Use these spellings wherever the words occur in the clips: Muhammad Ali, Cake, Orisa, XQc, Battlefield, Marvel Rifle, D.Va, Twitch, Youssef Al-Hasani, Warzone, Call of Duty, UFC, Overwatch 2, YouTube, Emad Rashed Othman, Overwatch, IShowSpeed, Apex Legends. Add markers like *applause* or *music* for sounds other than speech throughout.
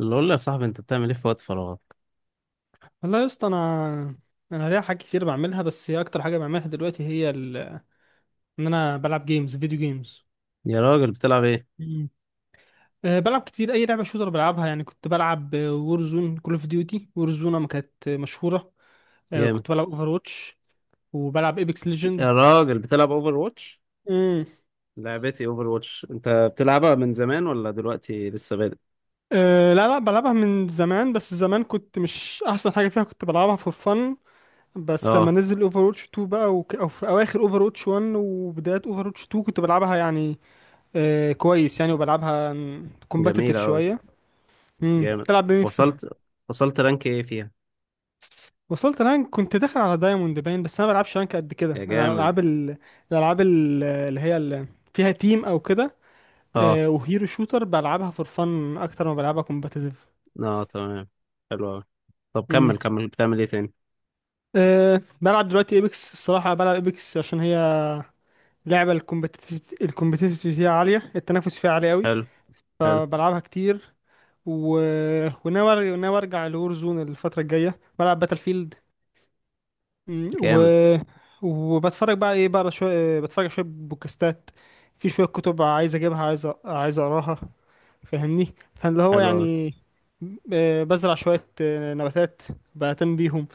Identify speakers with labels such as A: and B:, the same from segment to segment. A: اللي اقول له يا صاحبي، انت بتعمل ايه في وقت فراغك؟
B: والله يا اسطى انا ليا حاجات كتير بعملها، بس هي اكتر حاجه بعملها دلوقتي هي ان انا بلعب جيمز فيديو جيمز.
A: يا راجل بتلعب ايه؟
B: مم. بلعب كتير اي لعبه شوتر بلعبها يعني. كنت بلعب وورزون كول اوف ديوتي وورزون ما كانت مشهوره.
A: جامد.
B: كنت بلعب اوفر واتش وبلعب ايبكس
A: يا
B: ليجند.
A: راجل بتلعب اوفر واتش؟
B: امم
A: لعبتي اوفر واتش انت بتلعبها من زمان ولا دلوقتي لسه بادئ؟
B: أه لا لا، بلعبها من زمان. بس زمان كنت مش احسن حاجه فيها، كنت بلعبها فور فن. بس لما
A: اه،
B: نزل اوفر واتش 2 بقى او في اواخر اوفر واتش 1 وبدايات اوفر واتش 2 كنت بلعبها يعني. كويس يعني، وبلعبها
A: جميلة
B: كومباتيتيف
A: اوي.
B: شويه.
A: جامد.
B: تلعب بمين فيها؟
A: وصلت، وصلت رانك ايه فيها؟
B: وصلت رانك كنت داخل على دايموند باين، بس انا ما بلعبش رانك قد كده.
A: يا
B: انا
A: جامد.
B: العاب الالعاب اللي فيها تيم او كده.
A: اه،
B: وهيرو شوتر بلعبها فور فن اكتر ما بلعبها كومباتيتيف.
A: اه تمام. حلو اوي. طب كمل
B: امم
A: كمل، بتعمل ايه تاني؟
B: بلعب دلوقتي ايبكس الصراحه. بلعب ايبكس عشان هي لعبه الكومبتيتيف فيها عاليه، التنافس فيها عالي قوي.
A: حلو، حلو.
B: بلعبها كتير و... وناوي ارجع لور زون الفتره الجايه. بلعب باتل فيلد. مم، و...
A: جامد.
B: وبتفرج بقى ايه بقى شويه، بتفرج على شويه بودكاستات. في شويه كتب عايز اجيبها، عايز اقراها. فاهمني؟ فاللي هو
A: حلو اوي.
B: يعني، بزرع شويه نباتات، بهتم بيهم.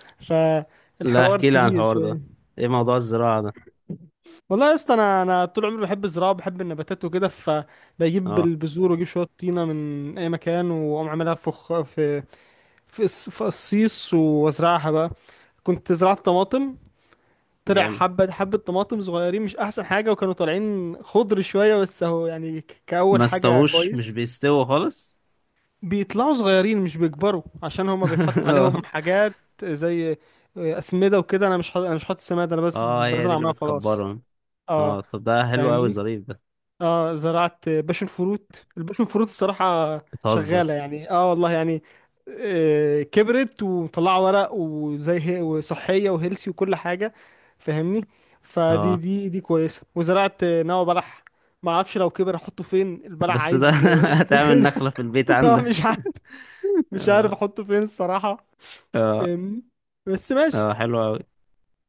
A: لا
B: فالحوار
A: احكي لي عن
B: كبير
A: الحوار ده،
B: شويه.
A: ايه موضوع الزراعة ده؟
B: والله يا اسطى انا طول عمري بحب الزراعه وبحب النباتات وكده، فبجيب
A: اه
B: البذور واجيب شويه طينه من اي مكان واقوم عاملها في خ- في في الص- في قصيص وازرعها بقى. كنت زرعت طماطم، طلع
A: جامد.
B: حبة حبة طماطم صغيرين مش أحسن حاجة، وكانوا طالعين خضر شوية. بس أهو يعني، كأول
A: ما
B: حاجة
A: استووش؟ مش
B: كويس.
A: بيستووا خالص.
B: بيطلعوا صغيرين مش بيكبروا عشان هما بيتحط عليهم
A: *laughs*
B: حاجات زي أسمدة وكده. أنا مش حاطط سماد، أنا بس
A: اه هي دي
B: بزرع
A: اللي
B: معاه وخلاص.
A: بتكبرهم.
B: أه
A: اه طب ده حلو قوي،
B: فاهمني؟
A: ظريف ده.
B: اه زرعت باشن فروت. الباشن فروت الصراحة
A: بتهزر.
B: شغالة يعني، اه والله يعني، كبرت ومطلعة ورق وزي هي وصحية وهيلسي وكل حاجة. فاهمني؟ فدي
A: اه
B: دي دي كويسة. وزرعت نوى بلح. ما اعرفش لو كبر احطه فين البلح،
A: بس ده
B: عايز
A: *laughs* هتعمل
B: *laughs*
A: نخلة في البيت
B: آه، مش
A: عندك؟
B: عارف
A: *laughs*
B: مش عارف
A: اه،
B: احطه فين الصراحة.
A: اه،
B: فاهمني؟ بس ماشي.
A: اه حلو قوي.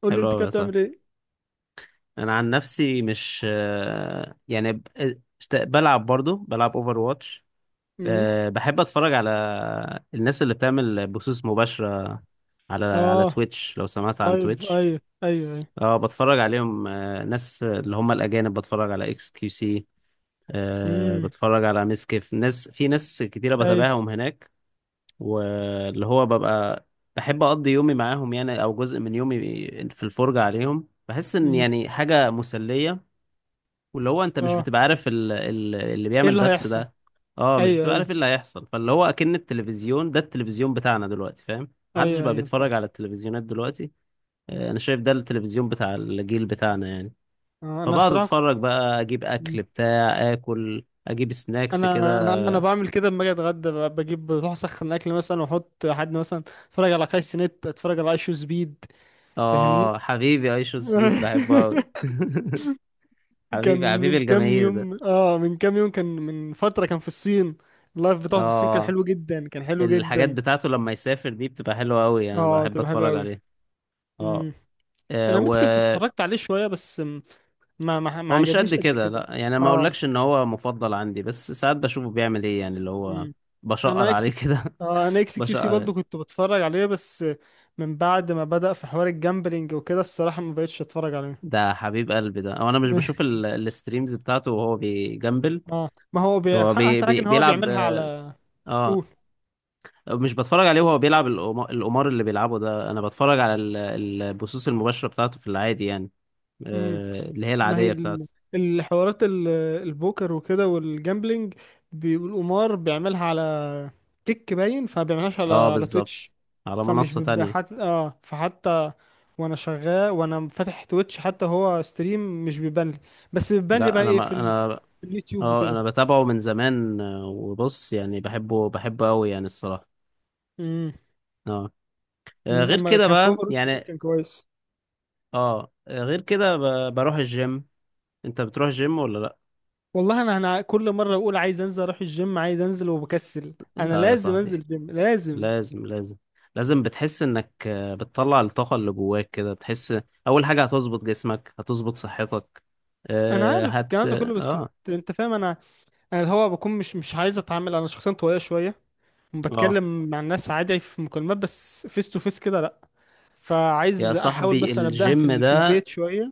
B: قول لي
A: حلو
B: انت كده
A: قوي يا صاحبي.
B: بتعمل ايه؟
A: انا عن نفسي مش آه، يعني ب- اشت- بلعب، برضو بلعب اوفر واتش.
B: امم
A: أه بحب اتفرج على الناس اللي بتعمل بثوث مباشرة على على
B: اه،
A: تويتش، لو سمعت عن
B: لايف.
A: تويتش.
B: ايوه ايوه ايوه.
A: اه بتفرج عليهم، ناس اللي هم الاجانب، بتفرج على اكس كيو سي. أه
B: امم
A: بتفرج على ميس كيف، ناس في ناس كتيرة
B: ايوه.
A: بتابعهم هناك. واللي هو ببقى بحب أقضي يومي معاهم يعني، أو جزء من يومي في الفرجة عليهم، بحس إن
B: امم
A: يعني حاجة مسلية. واللي هو أنت مش
B: اه.
A: بتبقى عارف اللي
B: ايه
A: بيعمل
B: اللي
A: بس
B: هيحصل؟
A: ده. اه مش
B: ايوه
A: بتبقى عارف
B: ايوه
A: إيه اللي هيحصل. فاللي هو أكن التلفزيون ده، التلفزيون بتاعنا دلوقتي، فاهم، محدش
B: ايوه
A: بقى
B: ايوه، فاهم.
A: بيتفرج على التلفزيونات دلوقتي. أنا شايف ده التلفزيون بتاع الجيل بتاعنا يعني.
B: آه، انا
A: فبقعد
B: صراحه كنت-
A: أتفرج بقى، أجيب أكل
B: مم.
A: بتاع، آكل، أجيب سناكس
B: انا
A: كده.
B: انا انا بعمل كده لما اجي اتغدى. ب- بجيب بروح اسخن اكل مثلا واحط حد مثلا، اتفرج على كايس نت، اتفرج على ايشو سبيد. فاهمني؟
A: اه حبيبي ايشو سفيد، بحبه قوي.
B: *laughs*
A: *laughs*
B: كان
A: حبيبي، حبيبي
B: من كام
A: الجماهير ده.
B: يوم، كان من فتره، كان في الصين. اللايف بتاعه في الصين كان
A: اه
B: حلو جدا، كان حلو
A: الحاجات
B: جدا.
A: بتاعته لما يسافر دي بتبقى حلوة قوي، انا
B: اه،
A: بحب
B: تبقى حلو
A: اتفرج
B: قوي.
A: عليه. اه.
B: مم. انا مسك
A: وهو
B: اتفرجت عليه شويه بس ما
A: مش قد
B: عجبنيش قد
A: كده، لا
B: كده.
A: يعني ما
B: اه
A: اقولكش ان هو مفضل عندي، بس ساعات بشوفه بيعمل ايه يعني، اللي هو بشقر
B: انا
A: عليه
B: اكس
A: كده.
B: اه انا
A: *laughs*
B: اكس كيو سي
A: بشقر.
B: برضه كنت بتفرج عليه، بس من بعد ما بدأ في حوار الجامبلينج وكده الصراحة ما بقتش اتفرج عليه.
A: ده حبيب قلبي ده، او انا مش بشوف
B: *laughs*
A: الستريمز بتاعته وهو بيجمبل.
B: اه، ما هو
A: هو بي
B: احسن
A: بي
B: حاجة ان هو
A: بيلعب.
B: بيعملها على.
A: اه
B: قول.
A: مش بتفرج عليه وهو بيلعب القمار اللي بيلعبه ده. انا بتفرج على البثوث المباشرة بتاعته في العادي يعني،
B: امم
A: اللي هي
B: ما هي
A: العادية بتاعته.
B: الحوارات البوكر وكده والجامبلينج، والقمار بيعملها على كيك باين. فما بيعملهاش على
A: اه
B: على تويتش.
A: بالظبط. على
B: فمش
A: منصة
B: بيبقى
A: تانية.
B: حت... اه فحتى وانا شغال وانا فاتح تويتش حتى هو ستريم مش بيبان لي. بس بيبان لي
A: لا
B: بقى
A: انا
B: ايه
A: ما انا
B: في اليوتيوب
A: اه
B: وكده.
A: انا بتابعه من زمان، وبص يعني بحبه، بحبه قوي يعني الصراحة.
B: امم
A: اه.
B: من
A: غير
B: اما
A: كده
B: كان في
A: بقى
B: اوفر وش ليك
A: يعني.
B: كان كويس.
A: اه، آه، غير كده ب- بروح الجيم. انت بتروح الجيم ولا لا؟
B: والله انا كل مره بقول عايز انزل اروح الجيم، عايز انزل وبكسل. انا
A: لا يا
B: لازم انزل
A: صاحبي،
B: الجيم لازم.
A: لازم لازم لازم. بتحس انك بتطلع الطاقة اللي جواك كده، بتحس. اول حاجة هتظبط جسمك، هتظبط صحتك.
B: انا
A: آه،
B: عارف
A: هت
B: الكلام ده كله بس انت
A: اه
B: انت فاهم. انا الهوا بكون مش عايز اتعامل. انا شخصيا طويله شويه،
A: اه
B: بتكلم مع الناس عادي في مكالمات بس فيس تو فيس كده لا.
A: يا
B: فعايز احاول
A: صاحبي
B: مثلا ابداها في
A: الجيم
B: ال- في
A: ده،
B: البيت شويه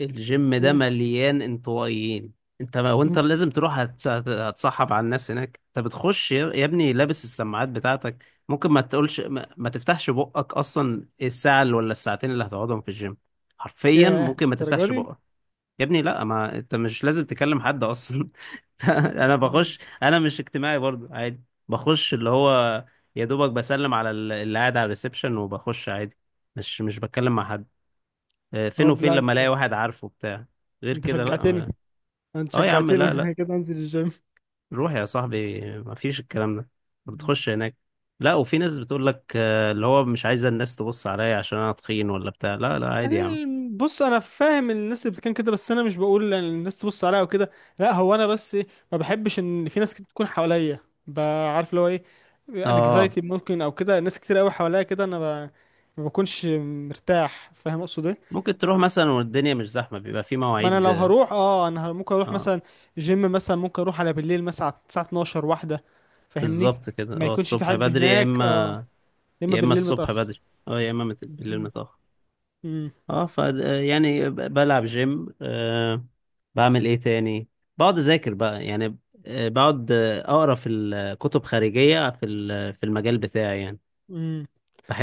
A: الجيم ده
B: و...
A: مليان انطوائيين. انت ما... وانت
B: *laughs*
A: لازم تروح هتصاحب على الناس هناك. انت بتخش يا ابني لابس السماعات بتاعتك. ممكن ما تقولش، ما تفتحش بقك اصلا الساعة اللي ولا الساعتين اللي هتقعدهم في الجيم. حرفيا
B: ياه،
A: ممكن ما
B: الدرجه
A: تفتحش
B: دي.
A: بقك. يا ابني لا، ما انت مش لازم تكلم حد اصلا. *laughs* انا
B: مم.
A: بخش، انا مش اجتماعي برضو عادي. بخش اللي هو، يا دوبك بسلم على اللي قاعد على الريسبشن وبخش عادي، مش بتكلم مع حد. فين
B: طب
A: وفين
B: لا،
A: لما الاقي
B: انت
A: واحد عارفه بتاع. غير
B: انت
A: كده لا
B: شجعتني.
A: ما...
B: انت
A: اه يا عم لا، لا
B: شجعتني *laughs* كده انزل الجيم.
A: روح يا صاحبي، ما فيش الكلام ده. بتخش هناك، لا، وفي ناس بتقول لك اللي هو مش عايزه الناس تبص عليا عشان انا تخين ولا بتاع. لا لا عادي يا عم.
B: بص، انا فاهم الناس اللي بتتكلم كده، بس انا مش بقول ان الناس تبص عليا وكده. لا، هو انا بس ما بحبش ان في ناس كتير تكون حواليا. ب- عارف اللي هو ايه؟
A: اه
B: انكزايتي ممكن او كده. ناس كتير قوي حواليا كده انا ب... ما بكونش مرتاح. فاهم اقصد ايه؟
A: ممكن تروح مثلا والدنيا مش زحمه، بيبقى في
B: ما انا لو
A: مواعيد.
B: هروح، انا ممكن اروح
A: اه
B: مثلا جيم مثلا. ممكن اروح على بالليل مثلا على الساعه 12 واحده، فاهمني؟
A: بالظبط كده،
B: ما
A: هو
B: يكونش في
A: الصبح
B: حد
A: بدري يا
B: هناك. اه،
A: اما،
B: يا اما
A: يا اما
B: بالليل
A: الصبح
B: متاخر.
A: بدري، اه يا اما بالليل متأخر. اه ف، يعني بلعب جيم، بعمل ايه تاني؟ بقعد اذاكر بقى يعني، بقعد اقرا في الكتب خارجية في المجال بتاعي يعني.
B: امم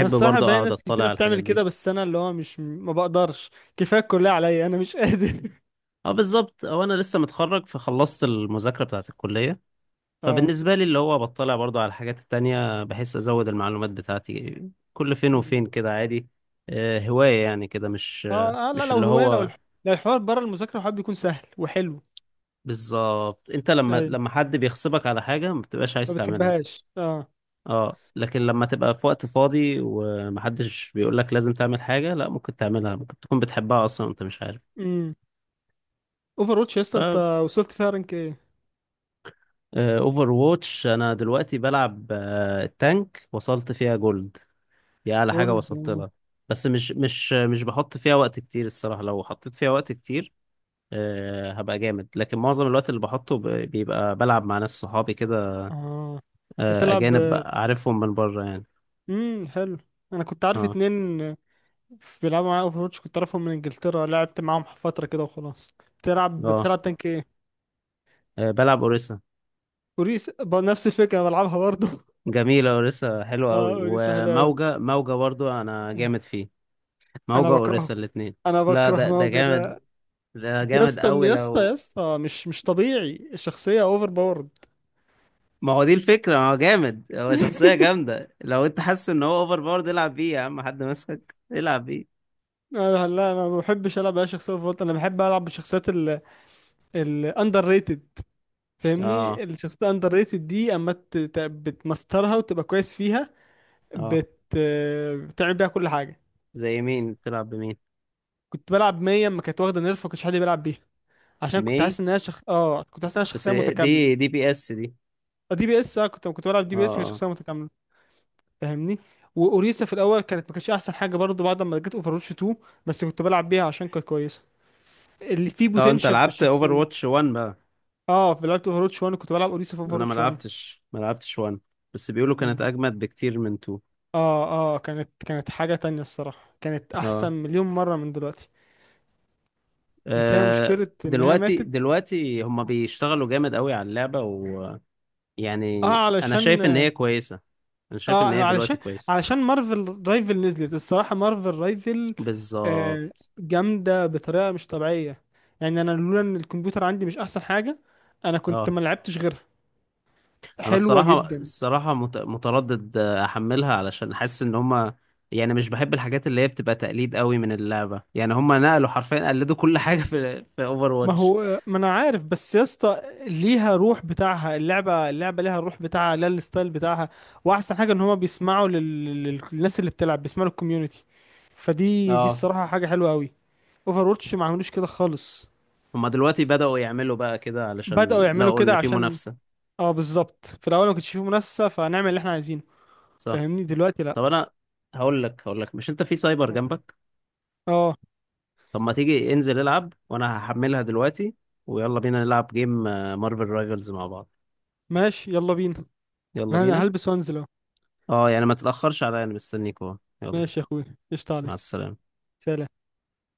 B: انا الصراحه
A: برضه
B: باقي
A: اقعد
B: ناس
A: اطلع
B: كتيره
A: على الحاجات
B: بتعمل
A: دي.
B: كده، بس انا اللي هو مش ما بقدرش. كفايه الكليه عليا، انا مش قادر.
A: اه بالظبط، هو انا لسه متخرج، فخلصت المذاكرة بتاعت الكلية.
B: *laughs* اه.
A: فبالنسبة لي اللي هو بطلع برضو على الحاجات التانية، بحس أزود المعلومات بتاعتي كل فين
B: أمم.
A: وفين كده عادي. هواية يعني كده،
B: اه اه، لا،
A: مش
B: لو
A: اللي
B: هوايه،
A: هو.
B: لو الحوار بره المذاكره الحوار بيكون سهل وحلو.
A: بالظبط، انت لما
B: ايوه،
A: لما حد بيغصبك على حاجة ما بتبقاش
B: ما
A: عايز تعملها.
B: بتحبهاش اه.
A: اه لكن لما تبقى في وقت فاضي ومحدش بيقولك لازم تعمل حاجة، لا ممكن تعملها، ممكن تكون بتحبها أصلا وانت مش عارف.
B: امم اوفر واتش يا
A: ف،
B: اسطى انت وصلت فيها رانك ايه؟
A: اوفر واتش انا دلوقتي بلعب التانك، وصلت فيها جولد، دي اعلى حاجة
B: جولد.
A: وصلت لها. بس مش بحط فيها وقت كتير الصراحة. لو حطيت فيها وقت كتير هبقى جامد. لكن معظم الوقت اللي بحطه بيبقى بلعب مع ناس صحابي كده،
B: اه، بتلعب.
A: اجانب عارفهم من بره يعني.
B: حلو. انا كنت عارف
A: اه،
B: اتنين بيلعبوا معايا اوفر واتش، كنت اعرفهم من انجلترا لعبت معاهم فتره كده وخلاص. بتلعب
A: اه.
B: بتلعب تانك ايه؟
A: بلعب اوريسا.
B: كوريس، نفس الفكره أنا بلعبها برضه.
A: جميلة اوريسا، حلوة
B: اه،
A: قوي.
B: اوري سهل قوي.
A: وموجة، موجة برضو انا جامد فيه.
B: انا
A: موجة
B: بكرهه
A: اوريسا الاتنين.
B: انا
A: لا
B: بكره
A: ده، ده
B: موجة
A: جامد،
B: ده.
A: ده
B: يا
A: جامد
B: اسطى
A: قوي.
B: يا اسطى يا
A: لو
B: اسطى، مش طبيعي الشخصية اوفر باورد.
A: ما هو دي الفكرة، ما هو جامد، هو شخصية
B: *laughs*
A: جامدة. لو انت حاسس ان هو اوفر باورد العب بيه يا عم، حد مسك، العب بيه.
B: لا لا، انا ما بحبش العب اي شخصيه فولت. انا بحب العب بالشخصيات الاندر ريتد.
A: اه،
B: فاهمني؟ الشخصيات الاندر ريتد دي اما بتمسترها وتبقى كويس فيها،
A: اه.
B: بت بتعمل بيها كل حاجه.
A: زي مين بتلعب بمين؟
B: كنت بلعب 100 اما كانت واخده نيرف، ما كانش حد بيلعب بيها، عشان
A: مي؟
B: كنت حاسس انها شخ... اه كنت حاسس انها
A: بس
B: شخصيه متكامله.
A: دي دي بي اس دي.
B: دي بي اس. اه كنت بلعب دي بي اس كانت
A: اه،
B: شخصيه متكامله. فاهمني؟ واوريسا في الاول كانت ما كانتش احسن حاجه برضه بعد ما جت اوفروتش 2، بس كنت بلعب بيها عشان كانت كويسه اللي فيه
A: اه، اه انت
B: بوتنشال في
A: لعبت اوفر
B: الشخصيه.
A: واتش 1 بقى.
B: اه في لعبه اوفروتش 1 كنت بلعب اوريسا في
A: انا ما
B: اوفروتش 1.
A: لعبتش، ما لعبتش 1، بس بيقولوا كانت
B: مم.
A: اجمد بكتير من 2.
B: اه اه، كانت حاجه تانية الصراحه. كانت احسن
A: اه،
B: مليون مره من دلوقتي. بس هي
A: آه،
B: مشكله ان هي
A: دلوقتي
B: ماتت.
A: دلوقتي هما بيشتغلوا جامد قوي على اللعبة. ويعني
B: اه
A: انا
B: علشان
A: شايف ان هي كويسة، انا شايف ان هي
B: اه
A: دلوقتي
B: علشان
A: كويسة.
B: علشان مارفل رايفل نزلت الصراحة. مارفل رايفل آه
A: بالظبط.
B: جامدة بطريقة مش طبيعية. يعني انا لولا ان الكمبيوتر عندي مش احسن حاجة، انا كنت
A: اه
B: ما لعبتش غيرها.
A: انا
B: حلوة
A: الصراحه،
B: جدا.
A: الصراحه متردد احملها، علشان حاسس ان هما يعني، مش بحب الحاجات اللي هي بتبقى تقليد قوي من اللعبه يعني. هما نقلوا حرفيا، قلدوا كل *laughs* حاجه في اوفر
B: ما
A: واتش.
B: هو ما انا عارف، بس يا اسطى ليها روح بتاعها. اللعبة، اللعبة ليها الروح بتاعها، ليها الستايل بتاعها. واحسن حاجة ان هما بيسمعوا للناس اللي بتلعب، بيسمعوا للكوميونتي. فدي
A: اه
B: الصراحة حاجة حلوة قوي. اوفر واتش ما عملوش كده خالص.
A: هما دلوقتي بداوا يعملوا بقى كده علشان
B: بدأوا يعملوا
A: لقوا ان
B: كده
A: في
B: عشان،
A: منافسه.
B: اه بالظبط، في الاول ما كنتش فيه منافسه فنعمل اللي احنا عايزينه.
A: صح.
B: فاهمني؟ دلوقتي لا.
A: طب انا، هقول لك، هقول لك، مش انت في سايبر جنبك؟
B: اه،
A: طب ما تيجي انزل العب، وانا هحملها دلوقتي، ويلا بينا نلعب جيم مارفل رايفلز مع بعض.
B: ماشي يلا بينا.
A: يلا
B: انا
A: بينا.
B: هلبس وانزل اهو.
A: اه يعني ما تتاخرش عليا، انا مستنيك اهو، يلا.
B: ماشي يا اخويا، قشطة
A: مع
B: عليك.
A: السلامه.
B: سلام.